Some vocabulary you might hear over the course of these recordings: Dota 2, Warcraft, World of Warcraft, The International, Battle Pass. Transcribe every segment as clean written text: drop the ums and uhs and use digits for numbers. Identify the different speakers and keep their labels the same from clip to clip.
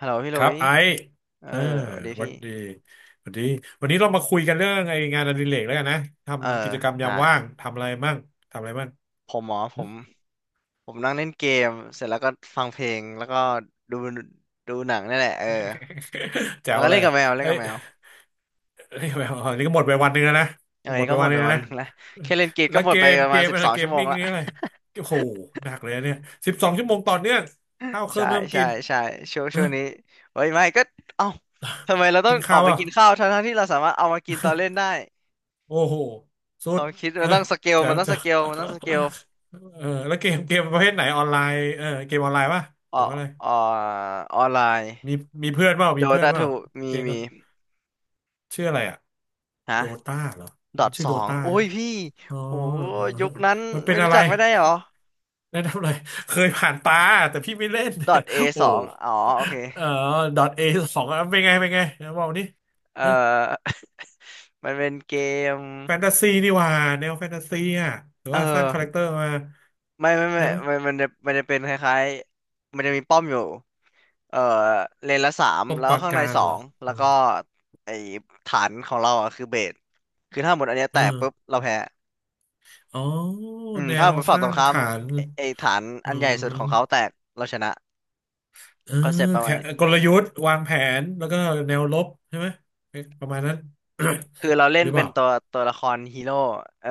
Speaker 1: ฮัลโหลพี่ห
Speaker 2: ค
Speaker 1: ลุ
Speaker 2: รับ
Speaker 1: ย
Speaker 2: ไอซ์
Speaker 1: เออ
Speaker 2: เออ
Speaker 1: สวัสดี
Speaker 2: หวั
Speaker 1: พี่
Speaker 2: สดีหวัสดีวันนี้เรามาคุยกันเรื่องไองานอดิเรกแล้วกันนะ
Speaker 1: เออ
Speaker 2: ทำกิจกรรมยา
Speaker 1: ได้
Speaker 2: มว่าง ทำอะไรมั่ง
Speaker 1: ผมหมอผ
Speaker 2: หึ
Speaker 1: มผมนั่งเล่นเกมเสร็จแล้วก็ฟังเพลงแล้วก็ดูดูหนังนี่แหละเออ
Speaker 2: แจ๋
Speaker 1: แล้ว
Speaker 2: ว
Speaker 1: ก็
Speaker 2: เล
Speaker 1: เล่น
Speaker 2: ย
Speaker 1: กับแมวเล่น
Speaker 2: เอ้
Speaker 1: กั
Speaker 2: ย
Speaker 1: บแมว
Speaker 2: เอ้ยอันนี้ก็หมดไปวันหนึ่งแล้วนะ
Speaker 1: เออ
Speaker 2: หม
Speaker 1: นี่
Speaker 2: ดไป
Speaker 1: ก็หม
Speaker 2: วัน
Speaker 1: ด
Speaker 2: หนึ่
Speaker 1: ไป
Speaker 2: งแล้ว
Speaker 1: วัน
Speaker 2: นะ
Speaker 1: หนึงและแค่เล่นเกม
Speaker 2: แล้
Speaker 1: ก็
Speaker 2: ว
Speaker 1: หม
Speaker 2: เก
Speaker 1: ดไป
Speaker 2: ม
Speaker 1: ประ
Speaker 2: เก
Speaker 1: มาณ
Speaker 2: ม
Speaker 1: สิบ
Speaker 2: อะไร
Speaker 1: สอง
Speaker 2: เก
Speaker 1: ชั่
Speaker 2: ม
Speaker 1: วโมง
Speaker 2: มิ่ง
Speaker 1: ละ
Speaker 2: นี่อะไรโอ้โหหนักเลยนะเนี่ย12 ชั่วโมงต่อเนื่องข้าวเค รื่อ
Speaker 1: ใช่
Speaker 2: งไม่ต้อง
Speaker 1: ใช่
Speaker 2: กิน
Speaker 1: ใช่ช่วงช่
Speaker 2: ฮะ
Speaker 1: วงนี้เฮ้ยไม่ก็เอ้าทำไมเราต้อ
Speaker 2: กิ
Speaker 1: ง
Speaker 2: น
Speaker 1: ออ
Speaker 2: ข้า
Speaker 1: ก
Speaker 2: ว
Speaker 1: ไป
Speaker 2: อ่ะ
Speaker 1: กินข้าวทั้งๆที่เราสามารถเอามากินตอนเล่นได้
Speaker 2: โอ้โหสุ
Speaker 1: ค
Speaker 2: ด
Speaker 1: วามคิด
Speaker 2: เอ
Speaker 1: มั
Speaker 2: อ
Speaker 1: นต้องสเกล
Speaker 2: แจ๋
Speaker 1: มั
Speaker 2: ว
Speaker 1: นต้อง
Speaker 2: แจ๋
Speaker 1: สเกลมันต้องสเก
Speaker 2: ว
Speaker 1: ล
Speaker 2: เออแล้วเกมประเภทไหนออนไลน์เออเกมออนไลน์ป่ะ
Speaker 1: อ
Speaker 2: ห
Speaker 1: อ
Speaker 2: รือว่าอะไร
Speaker 1: ออออนไลน์
Speaker 2: มีมีเพื่อนเปล่า
Speaker 1: โด
Speaker 2: มีเพื่อน
Speaker 1: ตา
Speaker 2: เปล่า
Speaker 1: ถูมี
Speaker 2: เกมด้ว
Speaker 1: มี
Speaker 2: ยชื่ออะไรอ่ะ
Speaker 1: ฮะ
Speaker 2: โดตาเหรอ
Speaker 1: ดอท
Speaker 2: ชื่
Speaker 1: ส
Speaker 2: อ
Speaker 1: อ
Speaker 2: โด
Speaker 1: ง
Speaker 2: ตา
Speaker 1: โอ้
Speaker 2: ใช่
Speaker 1: ย
Speaker 2: ไหม
Speaker 1: พี่
Speaker 2: อ๋อ
Speaker 1: โอ้
Speaker 2: เออ
Speaker 1: ยยุคนั้น
Speaker 2: มันเป็
Speaker 1: ไม่
Speaker 2: นอะ
Speaker 1: รู้
Speaker 2: ไร
Speaker 1: จักไม่ได้เหรอ
Speaker 2: แนะนำหน่อยเคยผ่านตาแต่พี่ไม่เล่น
Speaker 1: ดอทเอ
Speaker 2: โอ้
Speaker 1: สองอ๋อโอเค
Speaker 2: เออDotA 2เป็นไงเป็นไงนะบอกนี่
Speaker 1: เออ มันเป็นเกม
Speaker 2: แฟนตาซีนี่หว่าแนวแฟนตาซีอ่ะหรือ
Speaker 1: เอ
Speaker 2: ว่าสร้างคาแรคเต
Speaker 1: อ
Speaker 2: อร์มา
Speaker 1: ไม่ไม่
Speaker 2: ได้ไหม
Speaker 1: ไม่มันจะเป็นคล้ายๆมันจะมีป้อมอยู่เอ่อเลนละสาม
Speaker 2: ป้อม
Speaker 1: แล้
Speaker 2: ป
Speaker 1: ว
Speaker 2: รา
Speaker 1: ข้างใน
Speaker 2: การ
Speaker 1: สอ
Speaker 2: เหรอ
Speaker 1: งแล้วก็ไอฐานของเราอ่ะคือเบสคือถ้าหมดอันเนี้ย
Speaker 2: เอ
Speaker 1: แต
Speaker 2: อ
Speaker 1: กปุ๊บเราแพ้
Speaker 2: อ๋อแน
Speaker 1: ถ้า
Speaker 2: ว
Speaker 1: หมด
Speaker 2: ส
Speaker 1: ฝั่งต
Speaker 2: ร้า
Speaker 1: รง
Speaker 2: ง
Speaker 1: ข้าม
Speaker 2: ฐาน
Speaker 1: ไอ้ฐาน
Speaker 2: เออ
Speaker 1: อันใหญ่สุดของเขาแตกเราชนะ
Speaker 2: เออ
Speaker 1: คอนเซปต์ประมา
Speaker 2: แค่
Speaker 1: ณนี้
Speaker 2: กลยุทธ์วางแผนแล้วก็แนวรบใช่ไหมเอ๊ะประมาณนั้น
Speaker 1: คือเรา เล่
Speaker 2: ห
Speaker 1: น
Speaker 2: รือเป
Speaker 1: เป็น
Speaker 2: ล่า
Speaker 1: ตัวละครฮีโร่เออ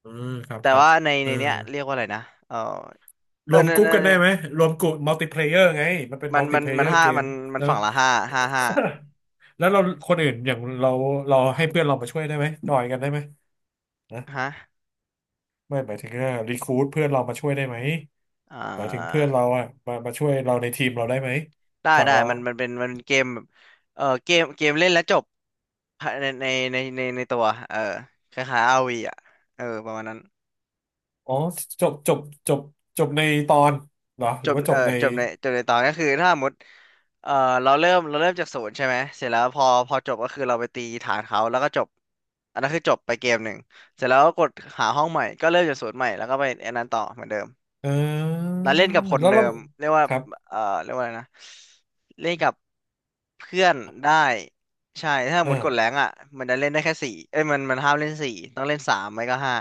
Speaker 2: เออครับ
Speaker 1: แต่
Speaker 2: ครับ
Speaker 1: ว่าใน
Speaker 2: เอ
Speaker 1: ใน
Speaker 2: อ
Speaker 1: เนี้ยเรียกว่าอะไรนะเออ
Speaker 2: ร
Speaker 1: เออ
Speaker 2: วม
Speaker 1: นั
Speaker 2: ก
Speaker 1: น
Speaker 2: รุ๊
Speaker 1: น
Speaker 2: ปกั
Speaker 1: น
Speaker 2: น
Speaker 1: นน
Speaker 2: ได้ไหมรวมกลุ่มมัลติเพลเยอร์ไงมันเป็น
Speaker 1: มั
Speaker 2: มั
Speaker 1: น
Speaker 2: ลติ
Speaker 1: มัน
Speaker 2: เพล
Speaker 1: มั
Speaker 2: เย
Speaker 1: น
Speaker 2: อร์
Speaker 1: ห้า
Speaker 2: เกม
Speaker 1: มัน
Speaker 2: ใช่ไหม
Speaker 1: ฝั่งละ ห้าห้าห้า
Speaker 2: แล้วเราคนอื่นอย่างเราเราให้เพื่อนเรามาช่วยได้ไหมจอยกันได้ไหมนะ
Speaker 1: ฮะ
Speaker 2: ไม่หมายถึงว่ารีคูดเพื่อนเรามาช่วยได้ไหม
Speaker 1: อ่
Speaker 2: หมายถึงเพื่อ
Speaker 1: า
Speaker 2: นเราอะมาช่วยเราในทีมเราได้ไหม
Speaker 1: ได้
Speaker 2: ฝั่ง
Speaker 1: ได้
Speaker 2: เรา
Speaker 1: มันเป็นเกมแบบเออเกมเล่นแล้วจบในในในตัวเออคล้ายๆอาร์วีอ่ะเออประมาณนั้น
Speaker 2: อ๋อจบจบจบจบในตอนเหรอห
Speaker 1: จ
Speaker 2: รือ
Speaker 1: บ
Speaker 2: ว่าจบใน
Speaker 1: จบในจบในตอนก็คือถ้าสมมติเออเราเริ่มจากศูนย์ใช่ไหมเสร็จแล้วพอจบก็คือเราไปตีฐานเขาแล้วก็จบอันนั้นคือจบไปเกมหนึ่งเสร็จแล้วก็กดหาห้องใหม่ก็เริ่มจากศูนย์ใหม่แล้วก็ไปอันนั้นต่อเหมือนเดิม
Speaker 2: อ่า
Speaker 1: แล้วเล่นกับคน
Speaker 2: แล้ว
Speaker 1: เดิ
Speaker 2: เรา
Speaker 1: มเรียกว่า
Speaker 2: ครับ
Speaker 1: เรียกว่าอะไรนะเล่นกับเพื่อนได้ใช่ถ้า
Speaker 2: อ
Speaker 1: หมดกด
Speaker 2: อ
Speaker 1: แรงอ่ะมันจะเล่นได้แค่สี่เอ้ยมันห้ามเล่นสี่ต้องเล่นสามไม่ก็ห้า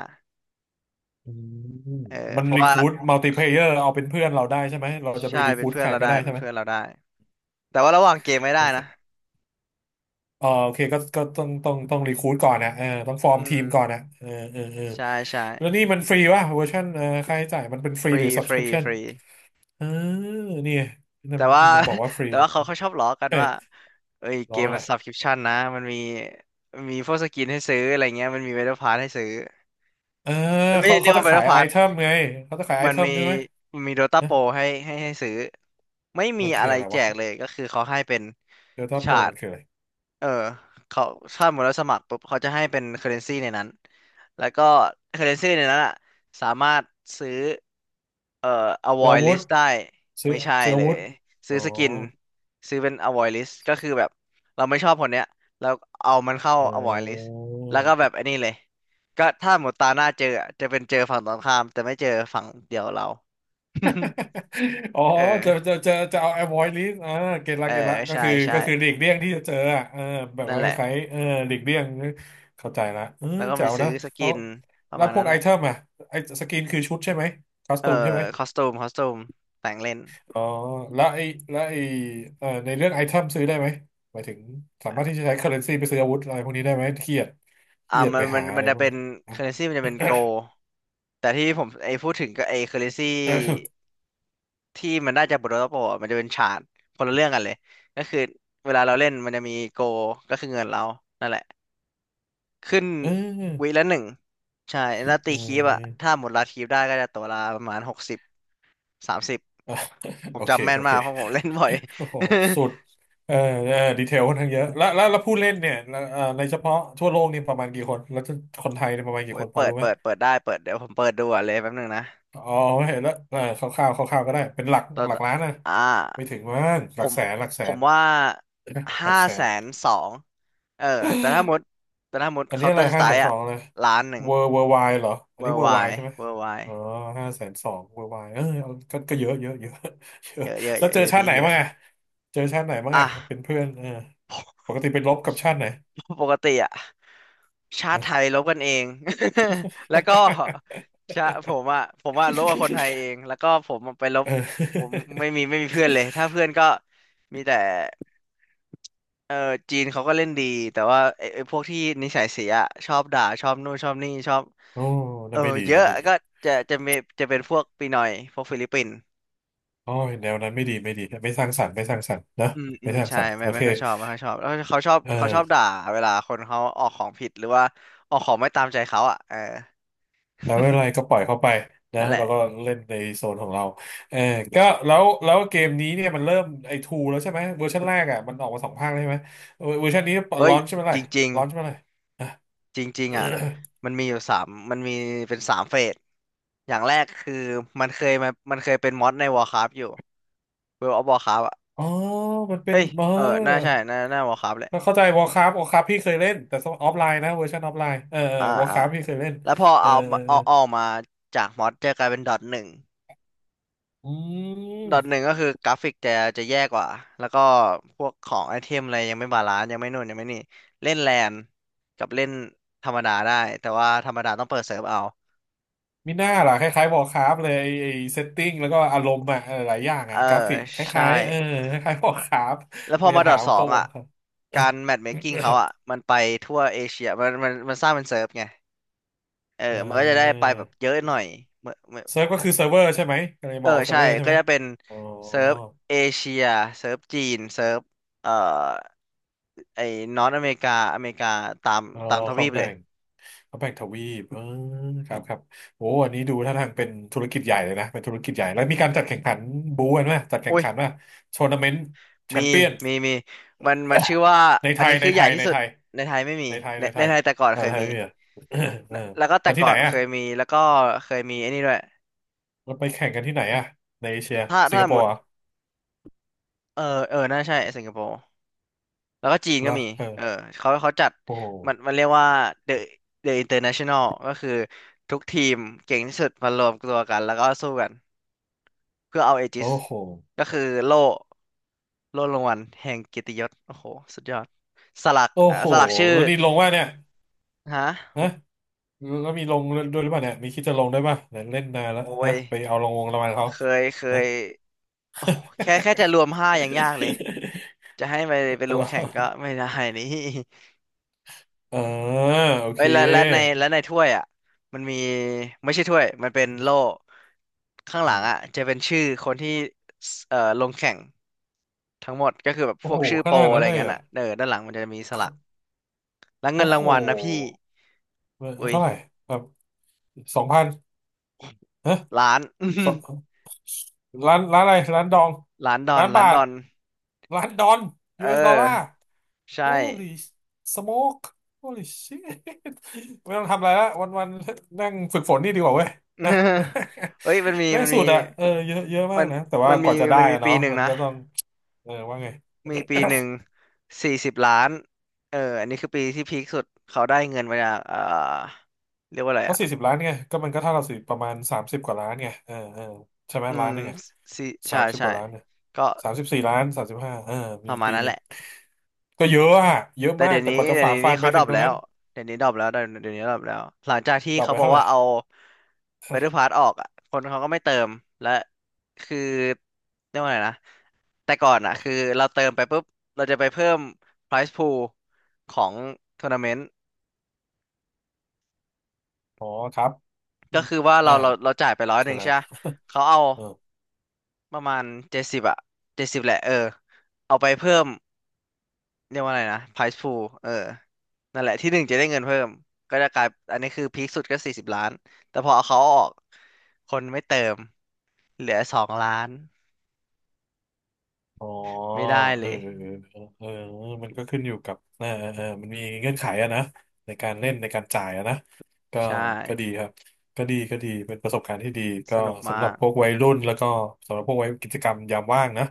Speaker 2: อืม
Speaker 1: เออ
Speaker 2: มัน
Speaker 1: เพราะ
Speaker 2: รี
Speaker 1: ว่า
Speaker 2: คูดมัลติเพลเยอร์เอาเป็นเพื่อนเราได้ใช่ไหมเราจะไป
Speaker 1: ใช่
Speaker 2: รี
Speaker 1: เป็
Speaker 2: คู
Speaker 1: น
Speaker 2: ด
Speaker 1: เพื่อ
Speaker 2: ใค
Speaker 1: น
Speaker 2: ร
Speaker 1: เรา
Speaker 2: ก็
Speaker 1: ได้
Speaker 2: ได้
Speaker 1: เป็
Speaker 2: ใช่
Speaker 1: น
Speaker 2: ไหม
Speaker 1: เพื่อนเราได้แต่ว่าระหว่างเกมไม่
Speaker 2: โอ
Speaker 1: ได้นะ
Speaker 2: เคอ่าโอเคก็ต้องรีคูดก่อนนะเออต้องฟอร์
Speaker 1: อื
Speaker 2: มที
Speaker 1: ม
Speaker 2: มก่อนนะเออเออเออ
Speaker 1: ใช่ใช่
Speaker 2: แล้วนี่มันฟรีวะเวอร์ชันเออค่าใช้จ่ายมันเป็นฟ
Speaker 1: ฟ
Speaker 2: รี
Speaker 1: รี
Speaker 2: หรือ
Speaker 1: ฟรี
Speaker 2: subscription
Speaker 1: ฟรี
Speaker 2: เออนี่มัน
Speaker 1: แต่ว่า
Speaker 2: มันบอกว่าฟ รี
Speaker 1: แต่ว่าเขาชอบล้อกัน
Speaker 2: เอ้
Speaker 1: ว่า
Speaker 2: ย
Speaker 1: เอ้ยเก
Speaker 2: ร้อง
Speaker 1: ม
Speaker 2: อะ
Speaker 1: มั
Speaker 2: ไร
Speaker 1: น subscription นะมันมีมีพวกสกินให้ซื้ออะไรเงี้ยมันมี Battle Pass ให้ซื้อ
Speaker 2: เออ
Speaker 1: มันไม่
Speaker 2: เขา
Speaker 1: ได้เรีย
Speaker 2: เขา
Speaker 1: ก
Speaker 2: จะ
Speaker 1: ว่า
Speaker 2: ขาย
Speaker 1: Battle
Speaker 2: ไอ
Speaker 1: Pass
Speaker 2: เทมไงเขาจะขายไอ
Speaker 1: มัน
Speaker 2: เทม
Speaker 1: มี
Speaker 2: ใช่ไหม
Speaker 1: มันมีโดตา
Speaker 2: นะ
Speaker 1: โปรให้ซื้อไม่มี
Speaker 2: มัน
Speaker 1: อะ
Speaker 2: คือ
Speaker 1: ไร
Speaker 2: อะไร
Speaker 1: แจ
Speaker 2: วะ
Speaker 1: กเลยก็คือเขาให้เป็น
Speaker 2: เดลต้าโป
Speaker 1: ชา
Speaker 2: ร
Speaker 1: ร์ต
Speaker 2: มันคืออะไร
Speaker 1: เออเขาชาร์ตหมดแล้วสมัครปุ๊บเขาจะให้เป็นเคอเรนซีในนั้นแล้วก็เคอเรนซีในนั้นอ่ะสามารถซื้อเอ่อ
Speaker 2: เสือ
Speaker 1: avoid
Speaker 2: อาวุธ
Speaker 1: list ได้
Speaker 2: เสือ
Speaker 1: ไม่ใช่
Speaker 2: เสืออา
Speaker 1: เล
Speaker 2: วุ
Speaker 1: ย
Speaker 2: ธอ๋
Speaker 1: ซื้
Speaker 2: อ
Speaker 1: อสกินซื้อเป็น avoid list ก็คือแบบเราไม่ชอบคนเนี้ยเราเอามันเข้า
Speaker 2: เอ
Speaker 1: avoid list แล้วก็แบบไอั
Speaker 2: อ
Speaker 1: นนี้เลยก็ถ้าหมดตาหน้าเจออะจะเป็นเจอฝั่งตรงข้ามแต่ไม่เจอฝั่งเดียวเรา
Speaker 2: อ๋อ
Speaker 1: เออ
Speaker 2: จะเอา avoid list อ่าเก็ตละ
Speaker 1: เออ
Speaker 2: เก็ตละก็
Speaker 1: ใช่
Speaker 2: คือ
Speaker 1: ใช่
Speaker 2: ก็คือหลีกเลี่ยงที่จะเจออ่ะเออแบบ
Speaker 1: นั่น
Speaker 2: ว่า
Speaker 1: แห
Speaker 2: ค
Speaker 1: ละ
Speaker 2: ล้ายๆเออหลีกเลี่ยงเข้าใจละเออ
Speaker 1: แล้วก็
Speaker 2: แจ๋
Speaker 1: มี
Speaker 2: ว
Speaker 1: ซื้
Speaker 2: นะ
Speaker 1: อสกิ
Speaker 2: เขา
Speaker 1: นประ
Speaker 2: แล้ว
Speaker 1: มาณ
Speaker 2: พว
Speaker 1: นั้
Speaker 2: ก
Speaker 1: น
Speaker 2: ไอ
Speaker 1: แหละ
Speaker 2: เทมอ่ะไอสกินคือชุดใช่ไหมคอส
Speaker 1: เออ
Speaker 2: ตูมใช่ไหม
Speaker 1: คอสตูมคอสตูมแต่งเล่น
Speaker 2: อ๋อแล้วไอแล้วไอในเรื่องไอเทมซื้อได้ไหมหมายถึงสามารถที่จะใช้ currency ไปซื้ออาวุธอะไรพวกนี้ได้ไหมเครียดเครียด
Speaker 1: มั
Speaker 2: ไป
Speaker 1: นมั
Speaker 2: หา
Speaker 1: น
Speaker 2: อะ
Speaker 1: มั
Speaker 2: ไร
Speaker 1: นจะ
Speaker 2: พวก
Speaker 1: เป็น
Speaker 2: นี้
Speaker 1: เคอร์เรนซีมันจะเป็นโกแต่ที่ผมไอ้พูดถึงก็ไอ้เคอร์เรนซี
Speaker 2: เออ
Speaker 1: ที่มันได้จากบทโรโปอะมันจะเป็นชาร์ตคนละเรื่องกันเลย ก็คือเวลาเราเล่น มันจะมีโกก็คือเงินเรา นั่นแหละ ขึ้น
Speaker 2: เอ
Speaker 1: วี
Speaker 2: อ
Speaker 1: ละหนึ่ง ใช่แล้ว
Speaker 2: เ
Speaker 1: ตีคีบอะ
Speaker 2: ออ
Speaker 1: ถ้าหมดลาคีบได้ก็จะตัวละประมาณ6030
Speaker 2: อ่ะ
Speaker 1: ผ
Speaker 2: โอ
Speaker 1: ม
Speaker 2: เค
Speaker 1: จำแม่
Speaker 2: โอ
Speaker 1: น
Speaker 2: เค
Speaker 1: มากเพราะผมเล่นบ่อย
Speaker 2: โอ้โห สุดเออเออดีเทลค่อนข้างเยอะ แล้วผู้เล่นเนี่ยแล้วในเฉพาะทั่วโลกนี่ประมาณกี่คน แล้วคนไทยเนี่ยประมาณ
Speaker 1: โอ้
Speaker 2: กี่
Speaker 1: ย
Speaker 2: คน พอ
Speaker 1: เปิด
Speaker 2: รู้ไหม
Speaker 1: เปิดเปิดได้เปิดเดี๋ยวผมเปิดดูอ่ะเลยแป๊บนึงนะ
Speaker 2: อ๋อเห็นแล้วเออคร่าวๆคร่าวๆก็ได้ เป็นหลัก
Speaker 1: ตอว
Speaker 2: หลักล้านนะ
Speaker 1: อ่า
Speaker 2: ไม่ถึงมั้งห
Speaker 1: ผ
Speaker 2: ลัก
Speaker 1: ม
Speaker 2: แสน หลักแส
Speaker 1: ผม
Speaker 2: น
Speaker 1: ว่า
Speaker 2: หลัก
Speaker 1: ห้า
Speaker 2: แส
Speaker 1: แส
Speaker 2: น
Speaker 1: นสองเออแต่ถ้าหมดแต่ถ้าหมด
Speaker 2: อัน
Speaker 1: เคา
Speaker 2: นี้
Speaker 1: น์เต
Speaker 2: อะ
Speaker 1: อ
Speaker 2: ไร
Speaker 1: ร์ส
Speaker 2: ห้า
Speaker 1: ไต
Speaker 2: แสน
Speaker 1: ล์
Speaker 2: ส
Speaker 1: อ่ะ
Speaker 2: องเลย
Speaker 1: 1,100,000
Speaker 2: เวอร์ไวเหรออั
Speaker 1: เว
Speaker 2: น
Speaker 1: อ
Speaker 2: นี้
Speaker 1: ร์
Speaker 2: เวอ
Speaker 1: ไว
Speaker 2: ร์ไวใช่ไหม
Speaker 1: เวอร์ไว
Speaker 2: อ๋อห้าแสนสองเวอร์ไวเออเอาก็ก็เยอะเยอะเยอะ เยอะ
Speaker 1: เยอะเยอะ
Speaker 2: แล้
Speaker 1: เย
Speaker 2: ว
Speaker 1: อะ
Speaker 2: เจอ
Speaker 1: เยอะ
Speaker 2: ชา
Speaker 1: ดี
Speaker 2: ติไหน
Speaker 1: เยอะ
Speaker 2: บ้างอะเจอชาติไหนบ้างอะ
Speaker 1: อ่ะ
Speaker 2: เป็นเพื่อนเออปกติไปรบกับชาติไหน
Speaker 1: ปกติอ่ะชา
Speaker 2: เน
Speaker 1: ติ
Speaker 2: อะ
Speaker 1: ไทยลบกันเอง แล้วก็ชาผมอ่ะผมอ่ะลบกับคนไทยเองแล้วก็ผมอะไปลบผม
Speaker 2: ออ
Speaker 1: ไม่มีเพื่อนเลยถ้าเพื่อนก็มีแต่ เออจีนเขาก็เล่นดีแต่ว่าไอ้พวกที่นิสัยเสียอะชอบด่าชอบนู่นชอบนี่ชอบ
Speaker 2: โอ้
Speaker 1: เอ
Speaker 2: นั่
Speaker 1: อ
Speaker 2: นไม่ดี
Speaker 1: เย
Speaker 2: นั่
Speaker 1: อะ
Speaker 2: นไม่ดี
Speaker 1: ก็จะมีจะเป็นพวกปีนอยพวกฟิลิปปินส์
Speaker 2: โอ้ยแนวนั้นไม่ดีไม่ดีไม่สร้างสรรค์ไม่สร้างสรรค์นะ
Speaker 1: อืมอื
Speaker 2: ไม่
Speaker 1: ม
Speaker 2: สร้าง
Speaker 1: ใช่
Speaker 2: สรรค์โอ
Speaker 1: ไม่
Speaker 2: เค
Speaker 1: ค่อยชอบไม่ค่อยชอบแล้วเขาชอบ
Speaker 2: เอ
Speaker 1: เขาชอ
Speaker 2: อ
Speaker 1: บด่าเวลาคนเขาออกของผิดหรือว่าออกของไม่ตามใจเขาอ่ะเออ
Speaker 2: อ่าไม่เป็นไรก็ป ล่อยเข้าไปนะ
Speaker 1: นั่นแหละ
Speaker 2: เราก็เล่นในโซนของเราเออก็แล้วเกมนี้เนี่ยมันเริ่มไอทูแล้วใช่ไหมเวอร์ชันแรกอ่ะมันออกมาสองภาคแล้วใช่ไหมเวอร์ชันนี้
Speaker 1: เฮ้
Speaker 2: ร้
Speaker 1: ย
Speaker 2: อนใช่ไหม
Speaker 1: จ
Speaker 2: ล่ะ
Speaker 1: ริง
Speaker 2: ร้อนใช่ไหมล่ะอ่ะ
Speaker 1: ๆจริงๆอ่ะมันมีอยู่สามมันมีเป็นสามเฟสอย่างแรกคือมันเคยเป็นมอดใน Warcraft อยู่ World of Warcraft อ่ะ
Speaker 2: อ๋อมันเป็
Speaker 1: เอ้
Speaker 2: น
Speaker 1: ย
Speaker 2: เ
Speaker 1: เออน่า
Speaker 2: อ
Speaker 1: ใช่น่า Warcraft แหละ
Speaker 2: อเข้าใจวอรคราวอรคราพี่เคยเล่นแต่ออฟไลน์นะเวอร์ชันออฟไลน์เออ
Speaker 1: อ่า
Speaker 2: วอรค
Speaker 1: อ่า
Speaker 2: ราพี่เคยเล่น
Speaker 1: แล้วพอ
Speaker 2: เออ
Speaker 1: เอา
Speaker 2: เอ
Speaker 1: มา
Speaker 2: อเอ
Speaker 1: เอา
Speaker 2: อ
Speaker 1: เอาออกมาจากมอดจะกลายเป็นดอทหนึ่ง
Speaker 2: อื
Speaker 1: ดอทหนึ่ง
Speaker 2: ม
Speaker 1: ก็คือกราฟิกจะแย่กว่าแล้วก็พวกของไอเทมอะไรยังไม่บาลานซ์ยังไม่นู่นยังไม่นี่เล่นแลนกับเล่นธรรมดาได้แต่ว่าธรรมดาต้องเปิดเซิร์ฟเอา
Speaker 2: มีหน้าล่ะคล้ายๆ Warcraft เลยไอ้ไอ้เซตติ้งแล้วก็อารมณ์อะเออหลายอย่าง
Speaker 1: เอ
Speaker 2: อะ
Speaker 1: อ
Speaker 2: กราฟิกค
Speaker 1: ใช่
Speaker 2: ล้ายๆเออคล้ายๆ Warcraft
Speaker 1: แล้วพ
Speaker 2: มั
Speaker 1: อ
Speaker 2: น
Speaker 1: มา
Speaker 2: จะ
Speaker 1: ดอ
Speaker 2: ถา
Speaker 1: ท
Speaker 2: ม
Speaker 1: สอ
Speaker 2: โค
Speaker 1: งอ่ะการแมทเมคกิ้งเขาอ่ะมันไปทั่วเอเชียมันสร้างเป็นเซิร์ฟไงเออ
Speaker 2: เอ
Speaker 1: มันก็จะได้ไป
Speaker 2: อ
Speaker 1: แบบเยอะหน่อยเหมือน
Speaker 2: เซิร์ฟก็คือเซิร์ฟเวอร์ใช่ไหมก็เลย
Speaker 1: เอ
Speaker 2: บ
Speaker 1: อ
Speaker 2: อกว่าเซิร์ฟ
Speaker 1: ใช่
Speaker 2: เวอร์ใช่
Speaker 1: ก็
Speaker 2: ไหม
Speaker 1: จะเป็น
Speaker 2: อ๋อ
Speaker 1: เซิร์ฟเอเชียเซิร์ฟจีนเซิร์ฟเอ่อไอ้นอร์ทอเมริกาอเมริกาตาม
Speaker 2: อ๋อ
Speaker 1: ตามท
Speaker 2: เข
Speaker 1: วี
Speaker 2: ม
Speaker 1: ปเล
Speaker 2: แบ่
Speaker 1: ย
Speaker 2: งเอมแบ่งทวีปเออครับครับโอ้อันนี้ดูท่าทางเป็นธุรกิจใหญ่เลยนะเป็นธุรกิจใหญ่แล้วมีการจัดแข่งขันบูกันไหมจัดแข่
Speaker 1: โอ้
Speaker 2: ง
Speaker 1: ย
Speaker 2: ขันว่าทัวร์นาเมนต์แช
Speaker 1: มี
Speaker 2: มเปี้ยน
Speaker 1: มีมันมันชื่อว่า
Speaker 2: ใน
Speaker 1: อั
Speaker 2: ไท
Speaker 1: น
Speaker 2: ย
Speaker 1: นี้
Speaker 2: ใน
Speaker 1: คือให
Speaker 2: ไท
Speaker 1: ญ่
Speaker 2: ย
Speaker 1: ที่
Speaker 2: ใน
Speaker 1: สุด
Speaker 2: ไทย
Speaker 1: ในไทยไม่มี
Speaker 2: ในไทย
Speaker 1: ใน
Speaker 2: ในไท
Speaker 1: ใน
Speaker 2: ย
Speaker 1: ไทยแต่ก่อน
Speaker 2: เออ
Speaker 1: เคย
Speaker 2: ไทย
Speaker 1: มี
Speaker 2: พี่อ่ะ เออ
Speaker 1: แล้วก็แต่
Speaker 2: มาที่
Speaker 1: ก่อ
Speaker 2: ไหน
Speaker 1: นเค
Speaker 2: อ่ะ
Speaker 1: ยมีแล้วก็เคยมีไอ้นี่ด้วย
Speaker 2: เราไปแข่งกันที่ไหนอ่ะในเอเชีย
Speaker 1: ถ้า
Speaker 2: สิง
Speaker 1: ถ้า
Speaker 2: ค
Speaker 1: ส
Speaker 2: โป
Speaker 1: มม
Speaker 2: ร์
Speaker 1: ติ
Speaker 2: เหรอ่ะ
Speaker 1: เออเออน่าใช่สิงคโปร์ แล้วก็จีน
Speaker 2: เหร
Speaker 1: ก็
Speaker 2: อ
Speaker 1: มี
Speaker 2: เออ
Speaker 1: เออเขาเขาจัด
Speaker 2: โอ้โห
Speaker 1: มันมันเรียกว่า The The International ก็คือทุกทีมเก่งที่สุดมารวมตัวกันแล้วก็สู้กันเพื่อเอาเอจิส
Speaker 2: โอ้โห
Speaker 1: ก็คือโล่โล่รางวัลแห่งเกียรติยศโอ้โหสุดยอดสลัก
Speaker 2: โอ้โห
Speaker 1: สลักชื่อ
Speaker 2: แล้วนี่ลงว่าเนี่ย
Speaker 1: ฮะ
Speaker 2: ฮะแล้วมีลงด้วยหรือเปล่าเนี่ยมีคิดจะลงด้วยป่ะเนี่ยเล่นนานแล้ว
Speaker 1: โอ้
Speaker 2: ฮะ
Speaker 1: ย
Speaker 2: ไปเอาลงวงรางวัลเขา
Speaker 1: เคยเค
Speaker 2: ฮะ
Speaker 1: ยโอ้แค่จะรวมห้ายังยากเลยจะให้ไป ไปล
Speaker 2: เหร
Speaker 1: ง
Speaker 2: อ
Speaker 1: แข่งก็ไม่ได้นี่
Speaker 2: เออโอ
Speaker 1: เอ้
Speaker 2: เค
Speaker 1: ยแล้วในถ้วยอ่ะมันมีไม่ใช่ถ้วยมันเป็นโล่ข้างห
Speaker 2: อื
Speaker 1: ลัง
Speaker 2: ม
Speaker 1: อ่ะจะเป็นชื่อคนที่สเอ่อลงแข่งทั้งหมดก็คือแบบ
Speaker 2: โอ้
Speaker 1: พว
Speaker 2: โห
Speaker 1: กชื่อ
Speaker 2: ข
Speaker 1: โปร
Speaker 2: นาด
Speaker 1: อะ
Speaker 2: นั้
Speaker 1: ไร
Speaker 2: นเลย
Speaker 1: เงี้
Speaker 2: เหร
Speaker 1: ย
Speaker 2: อ่ะ
Speaker 1: อ่ะเออด้านหลังมันจะมีสลักแล้วเงิน
Speaker 2: โอ้
Speaker 1: รา
Speaker 2: โห
Speaker 1: งวัลนะพี่
Speaker 2: เออ
Speaker 1: อุ้ย
Speaker 2: เท่าไหร่แบบ2000
Speaker 1: ล้าน
Speaker 2: สร้านร้านอะไรร้านดอง
Speaker 1: ล้านดอน
Speaker 2: ร้าน
Speaker 1: ล้า
Speaker 2: บา
Speaker 1: นด
Speaker 2: ท
Speaker 1: อน
Speaker 2: ร้านดอน
Speaker 1: เ
Speaker 2: US ดอลลาร์
Speaker 1: ออใช่
Speaker 2: Holy smoke Holy shit ไม่ต้องทำอะไรละวันวันนั่งฝึกฝนนี่ดีกว่าเว้ยนะ
Speaker 1: เอ้ย
Speaker 2: ไม่สุดอ่ะเออเยอะเยอะมา
Speaker 1: มั
Speaker 2: ก
Speaker 1: น
Speaker 2: นะแต่ว่า
Speaker 1: มัน
Speaker 2: ก
Speaker 1: มี
Speaker 2: ว่าจะได้
Speaker 1: มันมี
Speaker 2: อะ
Speaker 1: ปี
Speaker 2: เนาะ
Speaker 1: หนึ่ง
Speaker 2: มัน
Speaker 1: นะ
Speaker 2: ก็ต้องเออว่าไง
Speaker 1: มีปีหนึ่ง40 ล้านเอออันนี้คือปีที่พีคสุดเขาได้เงินมาจากเรียกว่าอะไร
Speaker 2: ก็
Speaker 1: อ่ะ
Speaker 2: 40 ล้านไงก็มันก็เท่าเราสิประมาณสามสิบกว่าล้านไงเออเออใช่ไหม
Speaker 1: อื
Speaker 2: ล้า
Speaker 1: ม
Speaker 2: นหนึ่งอ่ะ
Speaker 1: สี่
Speaker 2: สา
Speaker 1: ใช่
Speaker 2: มสิบก
Speaker 1: ใช่
Speaker 2: ว่าล้านเนี่ย
Speaker 1: ก็
Speaker 2: 34 ล้าน35เออ
Speaker 1: ป
Speaker 2: มี
Speaker 1: ระมาณ
Speaker 2: ปี
Speaker 1: นั้
Speaker 2: ห
Speaker 1: น
Speaker 2: นึ่
Speaker 1: แห
Speaker 2: ง
Speaker 1: ละ
Speaker 2: ก็เยอะอะเยอะ
Speaker 1: แต่
Speaker 2: มา
Speaker 1: เดี๋
Speaker 2: ก
Speaker 1: ยว
Speaker 2: แต่
Speaker 1: นี้
Speaker 2: กว่าจะ
Speaker 1: เดี๋ยว
Speaker 2: ฝ่าฟั
Speaker 1: นี้
Speaker 2: นไป
Speaker 1: เขาดร
Speaker 2: ถึ
Speaker 1: อ
Speaker 2: ง
Speaker 1: ป
Speaker 2: ตรง
Speaker 1: แล้
Speaker 2: นั้
Speaker 1: ว
Speaker 2: น
Speaker 1: เดี๋ยวนี้ดรอปแล้วเดี๋ยวนี้ดรอปแล้วหลังจากที่
Speaker 2: ดรอป
Speaker 1: เขา
Speaker 2: ไป
Speaker 1: บอก
Speaker 2: เท่าไห
Speaker 1: ว่า
Speaker 2: ร่
Speaker 1: เอา Battle Pass ออกอ่ะคนเขาก็ไม่เติมและคือเรียกว่าอะไรนะแต่ก่อนอ่ะคือ เราเติมไปปุ๊บเราจะไปเพิ่ม prize pool ของทัวร์นาเมนต์
Speaker 2: อ๋อครับอ
Speaker 1: ก็
Speaker 2: ม
Speaker 1: คือว่าเรา
Speaker 2: อ่า
Speaker 1: เราเราจ่ายไปร้อยห
Speaker 2: คือ
Speaker 1: นึ่ง
Speaker 2: อะไร
Speaker 1: ใช่ปะเขาเอา
Speaker 2: เออ
Speaker 1: ประมาณเจ็ดสิบอะเจ็ดสิบแหละเออเอาไปเพิ่มเรียกว่าอะไรนะ price pool เออนั่นแหละที่หนึ่งจะได้เงินเพิ่มก็จะกลายอันนี้คือพีคสุดก็สี่สิบล้านแต่พอเอาเขาออกคนไม่เติมเหลือ2 ล้าน
Speaker 2: อ๋อ
Speaker 1: ไม่ได้เล
Speaker 2: เออ
Speaker 1: ย
Speaker 2: เออเออเออมันก็ขึ้นอยู่กับมันมีเงื่อนไขอะนะในการเล่นในการจ่ายอะนะก็
Speaker 1: ใช่
Speaker 2: ก็ดีครับก็ดีก็ดีเป็นประสบการณ์ที่ดี
Speaker 1: ส
Speaker 2: ก็
Speaker 1: นุก
Speaker 2: สำห
Speaker 1: มา
Speaker 2: รับ
Speaker 1: ก
Speaker 2: พวกวัยรุ่นแล้วก็สำหรับพวกวัยกิจกรรมยามว่างนะ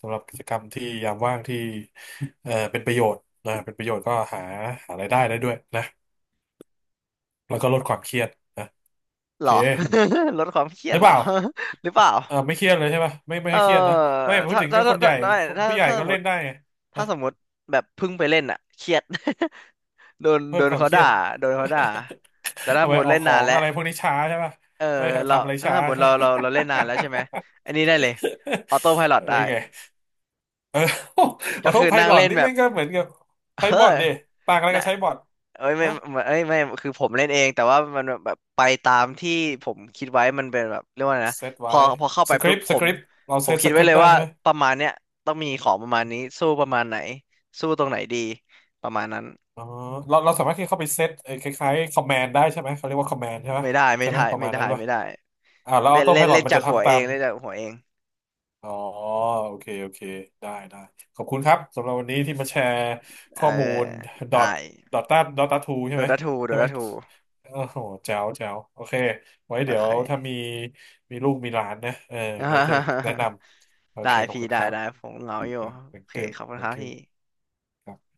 Speaker 2: สำหรับกิจกรรมที่ยามว่างที่เป็นประโยชน์นะเป็นประโยชน์ก็หาหารายได้ได้ด้วยนะแล้วก็ลดความเครียดนะโอ
Speaker 1: หร
Speaker 2: เค
Speaker 1: อ ลดความเครี
Speaker 2: ห
Speaker 1: ยด
Speaker 2: รือ
Speaker 1: เหร
Speaker 2: เป
Speaker 1: อ
Speaker 2: ล่า
Speaker 1: หรือเปล่า
Speaker 2: ไม่เครียดเลยใช่ป่ะไม่ไม่
Speaker 1: เออ
Speaker 2: ให้เครียดนะ ไม่พูด
Speaker 1: ถ้า
Speaker 2: ถึง
Speaker 1: ถ้า
Speaker 2: ก็ค
Speaker 1: ถ้า
Speaker 2: นให
Speaker 1: ถ้า
Speaker 2: ญ่
Speaker 1: ไม่ถ้า
Speaker 2: ผู้ใหญ่
Speaker 1: ถ้าส
Speaker 2: ก็
Speaker 1: มม
Speaker 2: เล่น
Speaker 1: ติ
Speaker 2: ได้ไงนะ
Speaker 1: ถ้าสมมติแบบเพิ่งไปเล่นอ่ะเครียด โดน
Speaker 2: เพิ่
Speaker 1: โด
Speaker 2: ม
Speaker 1: น
Speaker 2: ความ
Speaker 1: เขา
Speaker 2: เครีย
Speaker 1: ด่า
Speaker 2: ด
Speaker 1: โดนเขาด่าแต่ ถ้า
Speaker 2: ทำ
Speaker 1: ส
Speaker 2: ไม
Speaker 1: มม
Speaker 2: อ
Speaker 1: ติ
Speaker 2: อก
Speaker 1: เล่น
Speaker 2: ขอ
Speaker 1: นาน
Speaker 2: ง
Speaker 1: แล้ว
Speaker 2: อะไรพวกนี้ช้าใช่ป่ะ
Speaker 1: เออ
Speaker 2: ไม่
Speaker 1: เรา
Speaker 2: ทำอะไร
Speaker 1: ถ้า
Speaker 2: ช้า
Speaker 1: สมมติ
Speaker 2: ใช่
Speaker 1: เรา
Speaker 2: ปะ
Speaker 1: เราเราเล่นนานแล้วใช่ไหมอันนี้ได้เลยออโต้ไพลอ ต
Speaker 2: อะไร
Speaker 1: ได้
Speaker 2: ไง โอ้ ข
Speaker 1: ก็
Speaker 2: อโท
Speaker 1: คือ
Speaker 2: ษไพ
Speaker 1: นั่ง
Speaker 2: ลอ
Speaker 1: เล่
Speaker 2: ต
Speaker 1: น
Speaker 2: นี่
Speaker 1: แบ
Speaker 2: มั
Speaker 1: บ
Speaker 2: นก็เหมือนกับ
Speaker 1: เอ
Speaker 2: ใช้
Speaker 1: อ
Speaker 2: บอทดิต่างอะไร
Speaker 1: นะ
Speaker 2: กับใช้บอท
Speaker 1: เอ้ยไม่
Speaker 2: ฮะ
Speaker 1: ไม่เอ้ยไม่คือผมเล่นเองแต่ว่ามันแบบไปตามที่ผมคิดไว้มันเป็นแบบเรียกว่าไงนะ
Speaker 2: เซต
Speaker 1: พ
Speaker 2: ไว้
Speaker 1: อพอเข้า
Speaker 2: ส
Speaker 1: ไป
Speaker 2: คริ
Speaker 1: ปุ๊
Speaker 2: ป
Speaker 1: บ
Speaker 2: ต์
Speaker 1: ผ
Speaker 2: สค
Speaker 1: ม
Speaker 2: ริปต์เรา
Speaker 1: ผ
Speaker 2: เซ
Speaker 1: ม
Speaker 2: ต
Speaker 1: คิ
Speaker 2: ส
Speaker 1: ด
Speaker 2: ค
Speaker 1: ไว้
Speaker 2: ริป
Speaker 1: เล
Speaker 2: ต์
Speaker 1: ย
Speaker 2: ได้
Speaker 1: ว่า
Speaker 2: ใช่ไหม
Speaker 1: ประมาณเนี้ยต้องมีของประมาณนี้สู้ประมาณไหนสู้ตรงไหนดีประมาณนั้น
Speaker 2: อ๋อเราสามารถที่เข้าไปเซตไอ้คล้ายๆคอมแมนด์ได้ใช่ไหมเขาเรียกว่าคอมแมนด์ใช่ไหม
Speaker 1: ไม่ได้ไม่
Speaker 2: ใช่ไหม
Speaker 1: ได้
Speaker 2: ประ
Speaker 1: ไม่
Speaker 2: มาณนั้
Speaker 1: ได้
Speaker 2: นป่ะ
Speaker 1: ไม่ได้
Speaker 2: แล้วอ
Speaker 1: เล่
Speaker 2: อ
Speaker 1: น
Speaker 2: โต้ไพ
Speaker 1: เล่น
Speaker 2: ลอ
Speaker 1: เล่
Speaker 2: ต
Speaker 1: น
Speaker 2: มัน
Speaker 1: จา
Speaker 2: จะ
Speaker 1: กหัว
Speaker 2: ทำตา
Speaker 1: เอง
Speaker 2: ม
Speaker 1: เล่นจากหัวเอง
Speaker 2: อ๋อโอเคโอเคได้ได้ขอบคุณครับสำหรับวันนี้ที่มาแชร์
Speaker 1: เอ
Speaker 2: ข้
Speaker 1: อ
Speaker 2: อมูลดอท
Speaker 1: ได้
Speaker 2: ดอทตาดอทตาทูใช่
Speaker 1: โด
Speaker 2: ไหม
Speaker 1: ดาทูโด
Speaker 2: ใช่ไหม
Speaker 1: ดาทู
Speaker 2: โอ้โหแจ๋วแจ๋วโอเคไว้
Speaker 1: โอ
Speaker 2: เดี๋ยว
Speaker 1: เค
Speaker 2: ถ้ามีมีลูกมีหลานนะเออก็จะแนะ นำโอ
Speaker 1: ได้
Speaker 2: เคขอบ
Speaker 1: พี่
Speaker 2: คุณ
Speaker 1: ได้
Speaker 2: ครั
Speaker 1: ได้
Speaker 2: บ
Speaker 1: ผมเหงา
Speaker 2: thank
Speaker 1: อยู่โอเค
Speaker 2: you
Speaker 1: ขอบคุณครับ
Speaker 2: thank
Speaker 1: พี่
Speaker 2: you ครับ